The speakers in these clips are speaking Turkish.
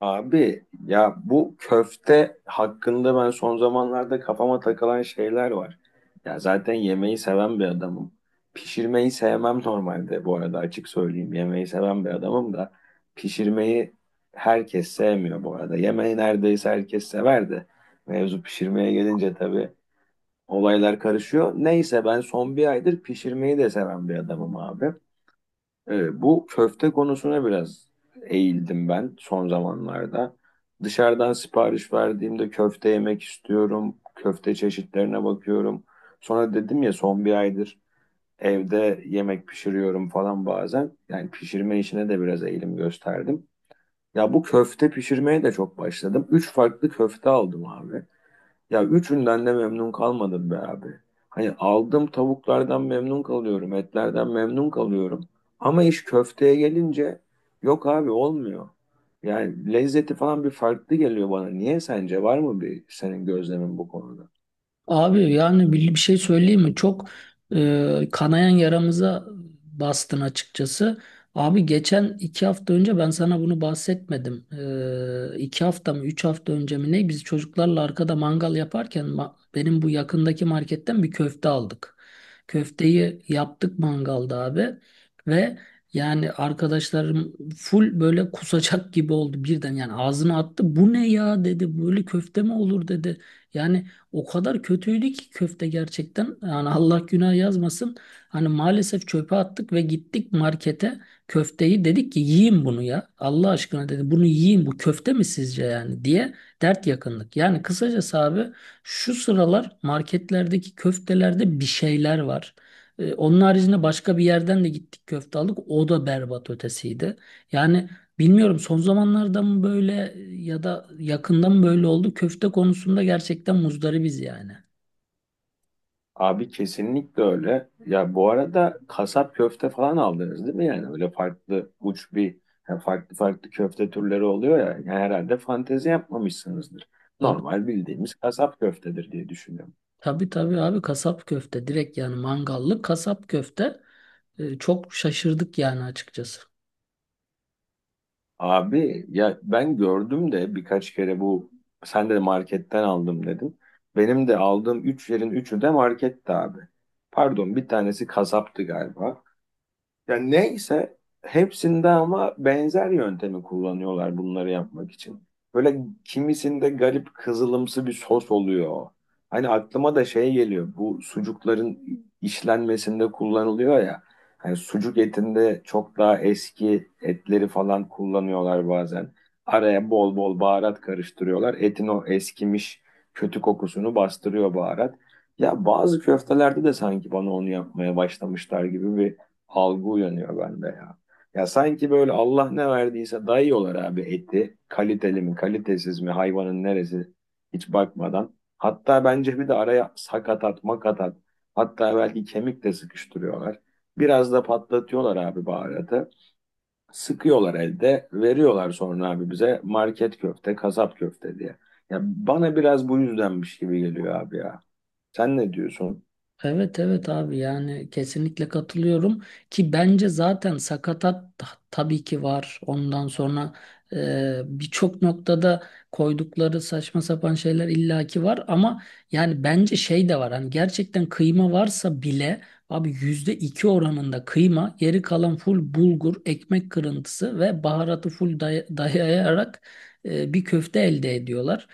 Abi ya bu köfte hakkında ben son zamanlarda kafama takılan şeyler var. Ya zaten yemeği seven bir adamım. Pişirmeyi sevmem normalde bu arada açık söyleyeyim. Yemeği seven bir adamım da pişirmeyi herkes sevmiyor bu arada. Yemeği neredeyse herkes sever de mevzu pişirmeye gelince tabii olaylar karışıyor. Neyse ben son bir aydır pişirmeyi de seven bir adamım abi. Bu köfte konusuna biraz eğildim ben son zamanlarda. Dışarıdan sipariş verdiğimde köfte yemek istiyorum. Köfte çeşitlerine bakıyorum. Sonra dedim ya son bir aydır evde yemek pişiriyorum falan bazen. Yani pişirme işine de biraz eğilim gösterdim. Ya bu köfte pişirmeye de çok başladım. Üç farklı köfte aldım abi. Ya üçünden de memnun kalmadım be abi. Hani aldığım tavuklardan memnun kalıyorum, etlerden memnun kalıyorum. Ama iş köfteye gelince yok abi olmuyor. Yani lezzeti falan bir farklı geliyor bana. Niye sence? Var mı bir senin gözlemin bu konuda? Abi yani bir şey söyleyeyim mi? Çok kanayan yaramıza bastın açıkçası. Abi geçen 2 hafta önce ben sana bunu bahsetmedim. E, 2 hafta mı 3 hafta önce mi ne? Biz çocuklarla arkada mangal yaparken benim bu yakındaki marketten bir köfte aldık. Köfteyi yaptık mangalda abi ve yani arkadaşlarım full böyle kusacak gibi oldu birden yani ağzına attı. Bu ne ya dedi, böyle köfte mi olur dedi. Yani o kadar kötüydü ki köfte gerçekten. Yani Allah günah yazmasın. Hani maalesef çöpe attık ve gittik markete, köfteyi dedik ki yiyin bunu ya. Allah aşkına dedi, bunu yiyin bu köfte mi sizce yani diye dert yakındık. Yani kısacası abi, şu sıralar marketlerdeki köftelerde bir şeyler var. Onun haricinde başka bir yerden de gittik köfte aldık. O da berbat ötesiydi. Yani bilmiyorum son zamanlarda mı böyle ya da yakında mı böyle oldu? Köfte konusunda gerçekten muzdaribiz yani. Abi kesinlikle öyle. Ya bu arada kasap köfte falan aldınız değil mi? Yani öyle farklı uç bir yani farklı farklı köfte türleri oluyor ya. Yani herhalde fantezi yapmamışsınızdır. Tabii, Normal bildiğimiz kasap köftedir diye düşünüyorum. tabii, tabii abi, kasap köfte direkt yani, mangallı kasap köfte. Çok şaşırdık yani açıkçası. Abi ya ben gördüm de birkaç kere bu sen de marketten aldım dedin. Benim de aldığım 3 yerin üçü de marketti abi. Pardon bir tanesi kasaptı galiba. Yani neyse hepsinde ama benzer yöntemi kullanıyorlar bunları yapmak için. Böyle kimisinde garip kızılımsı bir sos oluyor. Hani aklıma da şey geliyor. Bu sucukların işlenmesinde kullanılıyor ya. Hani sucuk etinde çok daha eski etleri falan kullanıyorlar bazen. Araya bol bol baharat karıştırıyorlar. Etin o eskimiş kötü kokusunu bastırıyor baharat. Ya bazı köftelerde de sanki bana onu yapmaya başlamışlar gibi bir algı uyanıyor bende ya. Ya sanki böyle Allah ne verdiyse dayıyorlar abi eti. Kaliteli mi, kalitesiz mi, hayvanın neresi hiç bakmadan. Hatta bence bir de araya sakatat, makatat, hatta belki kemik de sıkıştırıyorlar. Biraz da patlatıyorlar abi baharatı. Sıkıyorlar elde, veriyorlar sonra abi bize market köfte, kasap köfte diye. Ya bana biraz bu yüzdenmiş gibi geliyor abi ya. Sen ne diyorsun? Evet, evet abi, yani kesinlikle katılıyorum ki bence zaten sakatat tabii ki var. Ondan sonra birçok noktada koydukları saçma sapan şeyler illaki var ama yani bence şey de var. Hani gerçekten kıyma varsa bile abi %2 oranında kıyma, geri kalan full bulgur, ekmek kırıntısı ve baharatı full dayayarak bir köfte elde ediyorlar.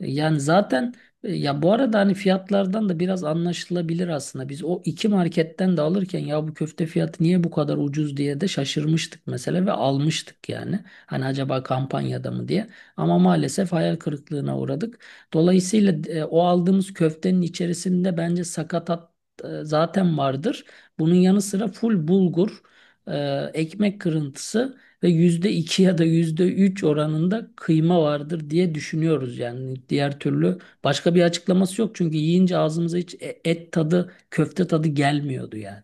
Yani zaten ya bu arada hani fiyatlardan da biraz anlaşılabilir aslında. Biz o iki marketten de alırken ya bu köfte fiyatı niye bu kadar ucuz diye de şaşırmıştık mesela ve almıştık yani. Hani acaba kampanyada mı diye. Ama maalesef hayal kırıklığına uğradık. Dolayısıyla o aldığımız köftenin içerisinde bence sakatat zaten vardır. Bunun yanı sıra full bulgur, ekmek kırıntısı ve %2 ya da %3 oranında kıyma vardır diye düşünüyoruz yani. Diğer türlü başka bir açıklaması yok çünkü yiyince ağzımıza hiç et tadı, köfte tadı gelmiyordu yani.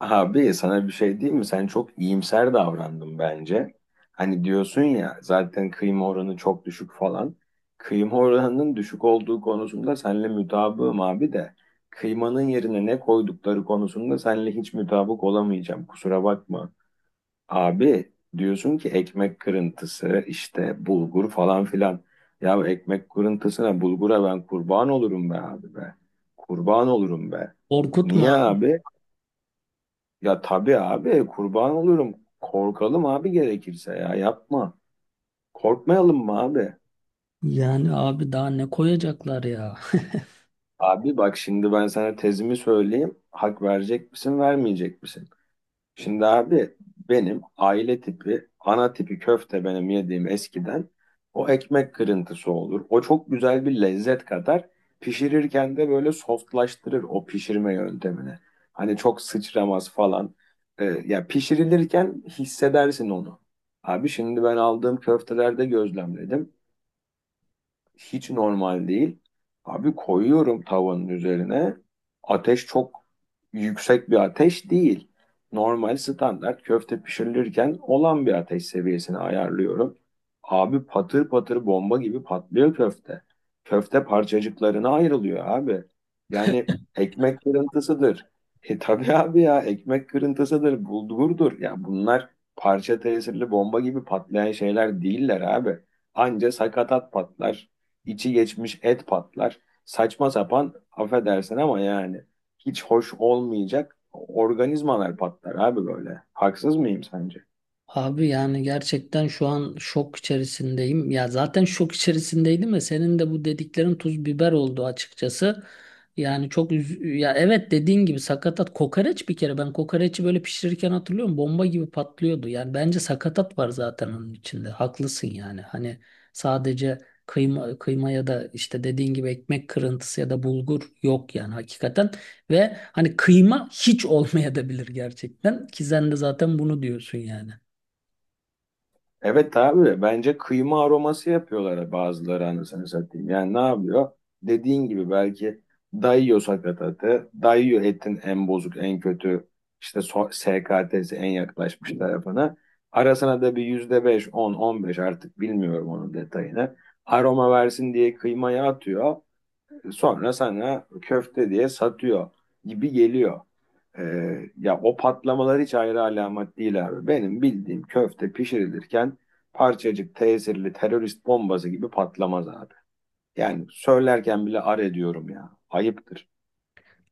Abi sana bir şey diyeyim mi? Sen çok iyimser davrandın bence. Hani diyorsun ya zaten kıyma oranı çok düşük falan. Kıyma oranının düşük olduğu konusunda seninle mutabığım abi de. Kıymanın yerine ne koydukları konusunda seninle hiç mutabık olamayacağım. Kusura bakma. Abi diyorsun ki ekmek kırıntısı işte bulgur falan filan. Ya ekmek kırıntısına bulgura ben kurban olurum be abi be. Kurban olurum be. Korkutma. Niye abi? Ya tabii abi kurban olurum. Korkalım abi gerekirse ya yapma. Korkmayalım mı abi? Yani abi daha ne koyacaklar ya? Abi bak şimdi ben sana tezimi söyleyeyim. Hak verecek misin vermeyecek misin? Şimdi abi benim aile tipi, ana tipi köfte benim yediğim eskiden o ekmek kırıntısı olur. O çok güzel bir lezzet katar. Pişirirken de böyle softlaştırır o pişirme yöntemini. Hani çok sıçramaz falan. Ya pişirilirken hissedersin onu. Abi şimdi ben aldığım köftelerde gözlemledim. Hiç normal değil. Abi koyuyorum tavanın üzerine. Ateş çok yüksek bir ateş değil. Normal standart köfte pişirilirken olan bir ateş seviyesini ayarlıyorum. Abi patır patır bomba gibi patlıyor köfte. Köfte parçacıklarına ayrılıyor abi. Yani ekmek kırıntısıdır. E tabii abi ya ekmek kırıntısıdır, bulgurdur. Ya bunlar parça tesirli bomba gibi patlayan şeyler değiller abi. Anca sakatat patlar içi geçmiş et patlar. Saçma sapan affedersin ama yani hiç hoş olmayacak organizmalar patlar abi böyle. Haksız mıyım sence? Abi yani gerçekten şu an şok içerisindeyim. Ya zaten şok içerisindeydim de senin de bu dediklerin tuz biber oldu açıkçası. Yani çok ya evet, dediğin gibi sakatat, kokoreç. Bir kere ben kokoreçi böyle pişirirken hatırlıyorum, bomba gibi patlıyordu. Yani bence sakatat var zaten onun içinde. Haklısın yani. Hani sadece kıyma kıyma ya da işte dediğin gibi ekmek kırıntısı ya da bulgur yok yani, hakikaten. Ve hani kıyma hiç olmayabilir gerçekten ki sen de zaten bunu diyorsun yani. Evet abi bence kıyma aroması yapıyorlar bazıları anasını satayım. Yani ne yapıyor? Dediğin gibi belki dayıyor sakatatı, dayıyor etin en bozuk, en kötü işte SKT'si en yaklaşmış tarafına. Arasına da bir %5, 10, 15 artık bilmiyorum onun detayını aroma versin diye kıymaya atıyor. Sonra sana köfte diye satıyor gibi geliyor. Ya o patlamalar hiç ayrı alamet değil abi. Benim bildiğim köfte pişirilirken parçacık tesirli terörist bombası gibi patlamaz abi. Yani söylerken bile ar ediyorum ya. Ayıptır.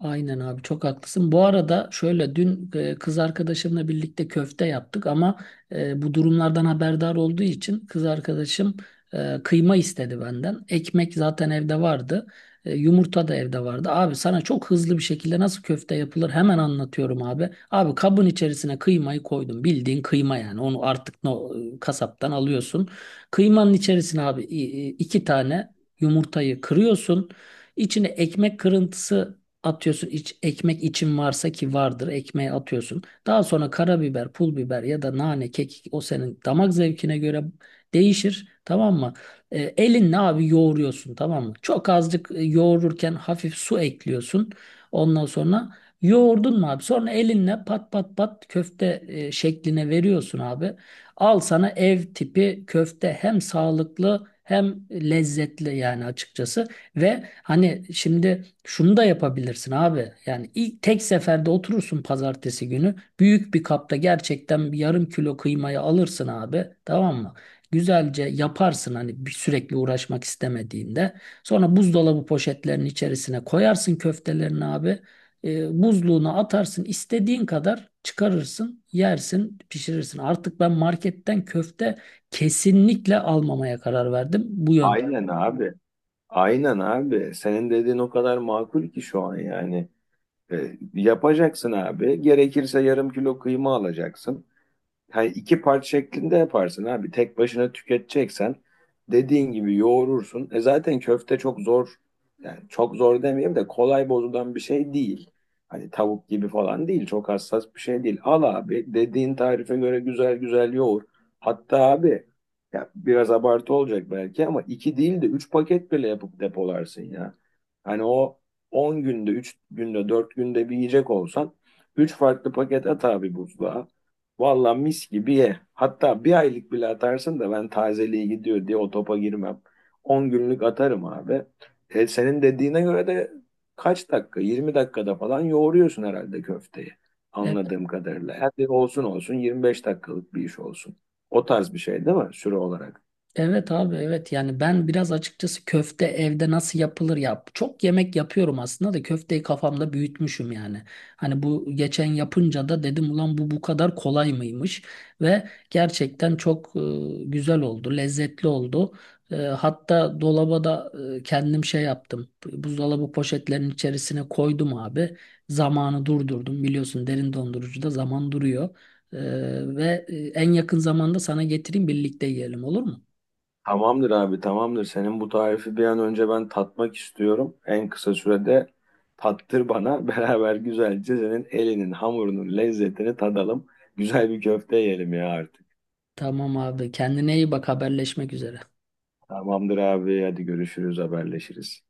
Aynen abi, çok haklısın. Bu arada şöyle dün kız arkadaşımla birlikte köfte yaptık ama bu durumlardan haberdar olduğu için kız arkadaşım kıyma istedi benden. Ekmek zaten evde vardı. Yumurta da evde vardı. Abi sana çok hızlı bir şekilde nasıl köfte yapılır hemen anlatıyorum abi. Abi kabın içerisine kıymayı koydum. Bildiğin kıyma yani. Onu artık no, e, kasaptan alıyorsun. Kıymanın içerisine abi 2 tane yumurtayı kırıyorsun. İçine ekmek kırıntısı atıyorsun, iç, ekmek için varsa ki vardır ekmeğe atıyorsun. Daha sonra karabiber, pul biber ya da nane, kekik, o senin damak zevkine göre değişir. Tamam mı? Elinle abi yoğuruyorsun, tamam mı? Çok azıcık yoğururken hafif su ekliyorsun. Ondan sonra yoğurdun mu abi? Sonra elinle pat pat pat köfte şekline veriyorsun abi. Al sana ev tipi köfte, hem sağlıklı hem lezzetli yani açıkçası. Ve hani şimdi şunu da yapabilirsin abi. Yani ilk tek seferde oturursun pazartesi günü. Büyük bir kapta gerçekten bir yarım kilo kıymayı alırsın abi. Tamam mı? Güzelce yaparsın hani, bir sürekli uğraşmak istemediğinde. Sonra buzdolabı poşetlerinin içerisine koyarsın köftelerini abi. Buzluğuna atarsın. İstediğin kadar çıkarırsın, yersin, pişirirsin. Artık ben marketten köfte kesinlikle almamaya karar verdim, bu yönde. Aynen abi. Aynen abi. Senin dediğin o kadar makul ki şu an yani. Yapacaksın abi. Gerekirse yarım kilo kıyma alacaksın. Yani iki parça şeklinde yaparsın abi. Tek başına tüketeceksen dediğin gibi yoğurursun. Zaten köfte çok zor yani çok zor demeyeyim de kolay bozulan bir şey değil. Hani tavuk gibi falan değil. Çok hassas bir şey değil. Al abi dediğin tarife göre güzel güzel yoğur. Hatta abi ya biraz abartı olacak belki ama iki değil de üç paket bile yapıp depolarsın ya. Hani o 10 günde, 3 günde, 4 günde bir yiyecek olsan 3 farklı paket at abi buzluğa. Valla mis gibi ye. Hatta bir aylık bile atarsın da ben tazeliğe gidiyor diye o topa girmem. 10 günlük atarım abi. Senin dediğine göre de kaç dakika? 20 dakikada falan yoğuruyorsun herhalde köfteyi. Anladığım kadarıyla. Hadi olsun 25 dakikalık bir iş olsun. O tarz bir şey değil mi? Süre olarak. Evet abi, evet yani ben biraz açıkçası köfte evde nasıl yapılır yap, çok yemek yapıyorum aslında da köfteyi kafamda büyütmüşüm yani. Hani bu geçen yapınca da dedim ulan bu kadar kolay mıymış ve gerçekten çok güzel oldu, lezzetli oldu. Hatta dolaba da kendim şey yaptım, buzdolabı poşetlerinin içerisine koydum abi, zamanı durdurdum, biliyorsun derin dondurucuda zaman duruyor. E, ve en yakın zamanda sana getireyim, birlikte yiyelim, olur mu? Tamamdır abi tamamdır. Senin bu tarifi bir an önce ben tatmak istiyorum. En kısa sürede tattır bana. Beraber güzelce senin elinin hamurunun lezzetini tadalım. Güzel bir köfte yiyelim ya artık. Tamam abi. Kendine iyi bak. Haberleşmek üzere. Tamamdır abi hadi görüşürüz haberleşiriz.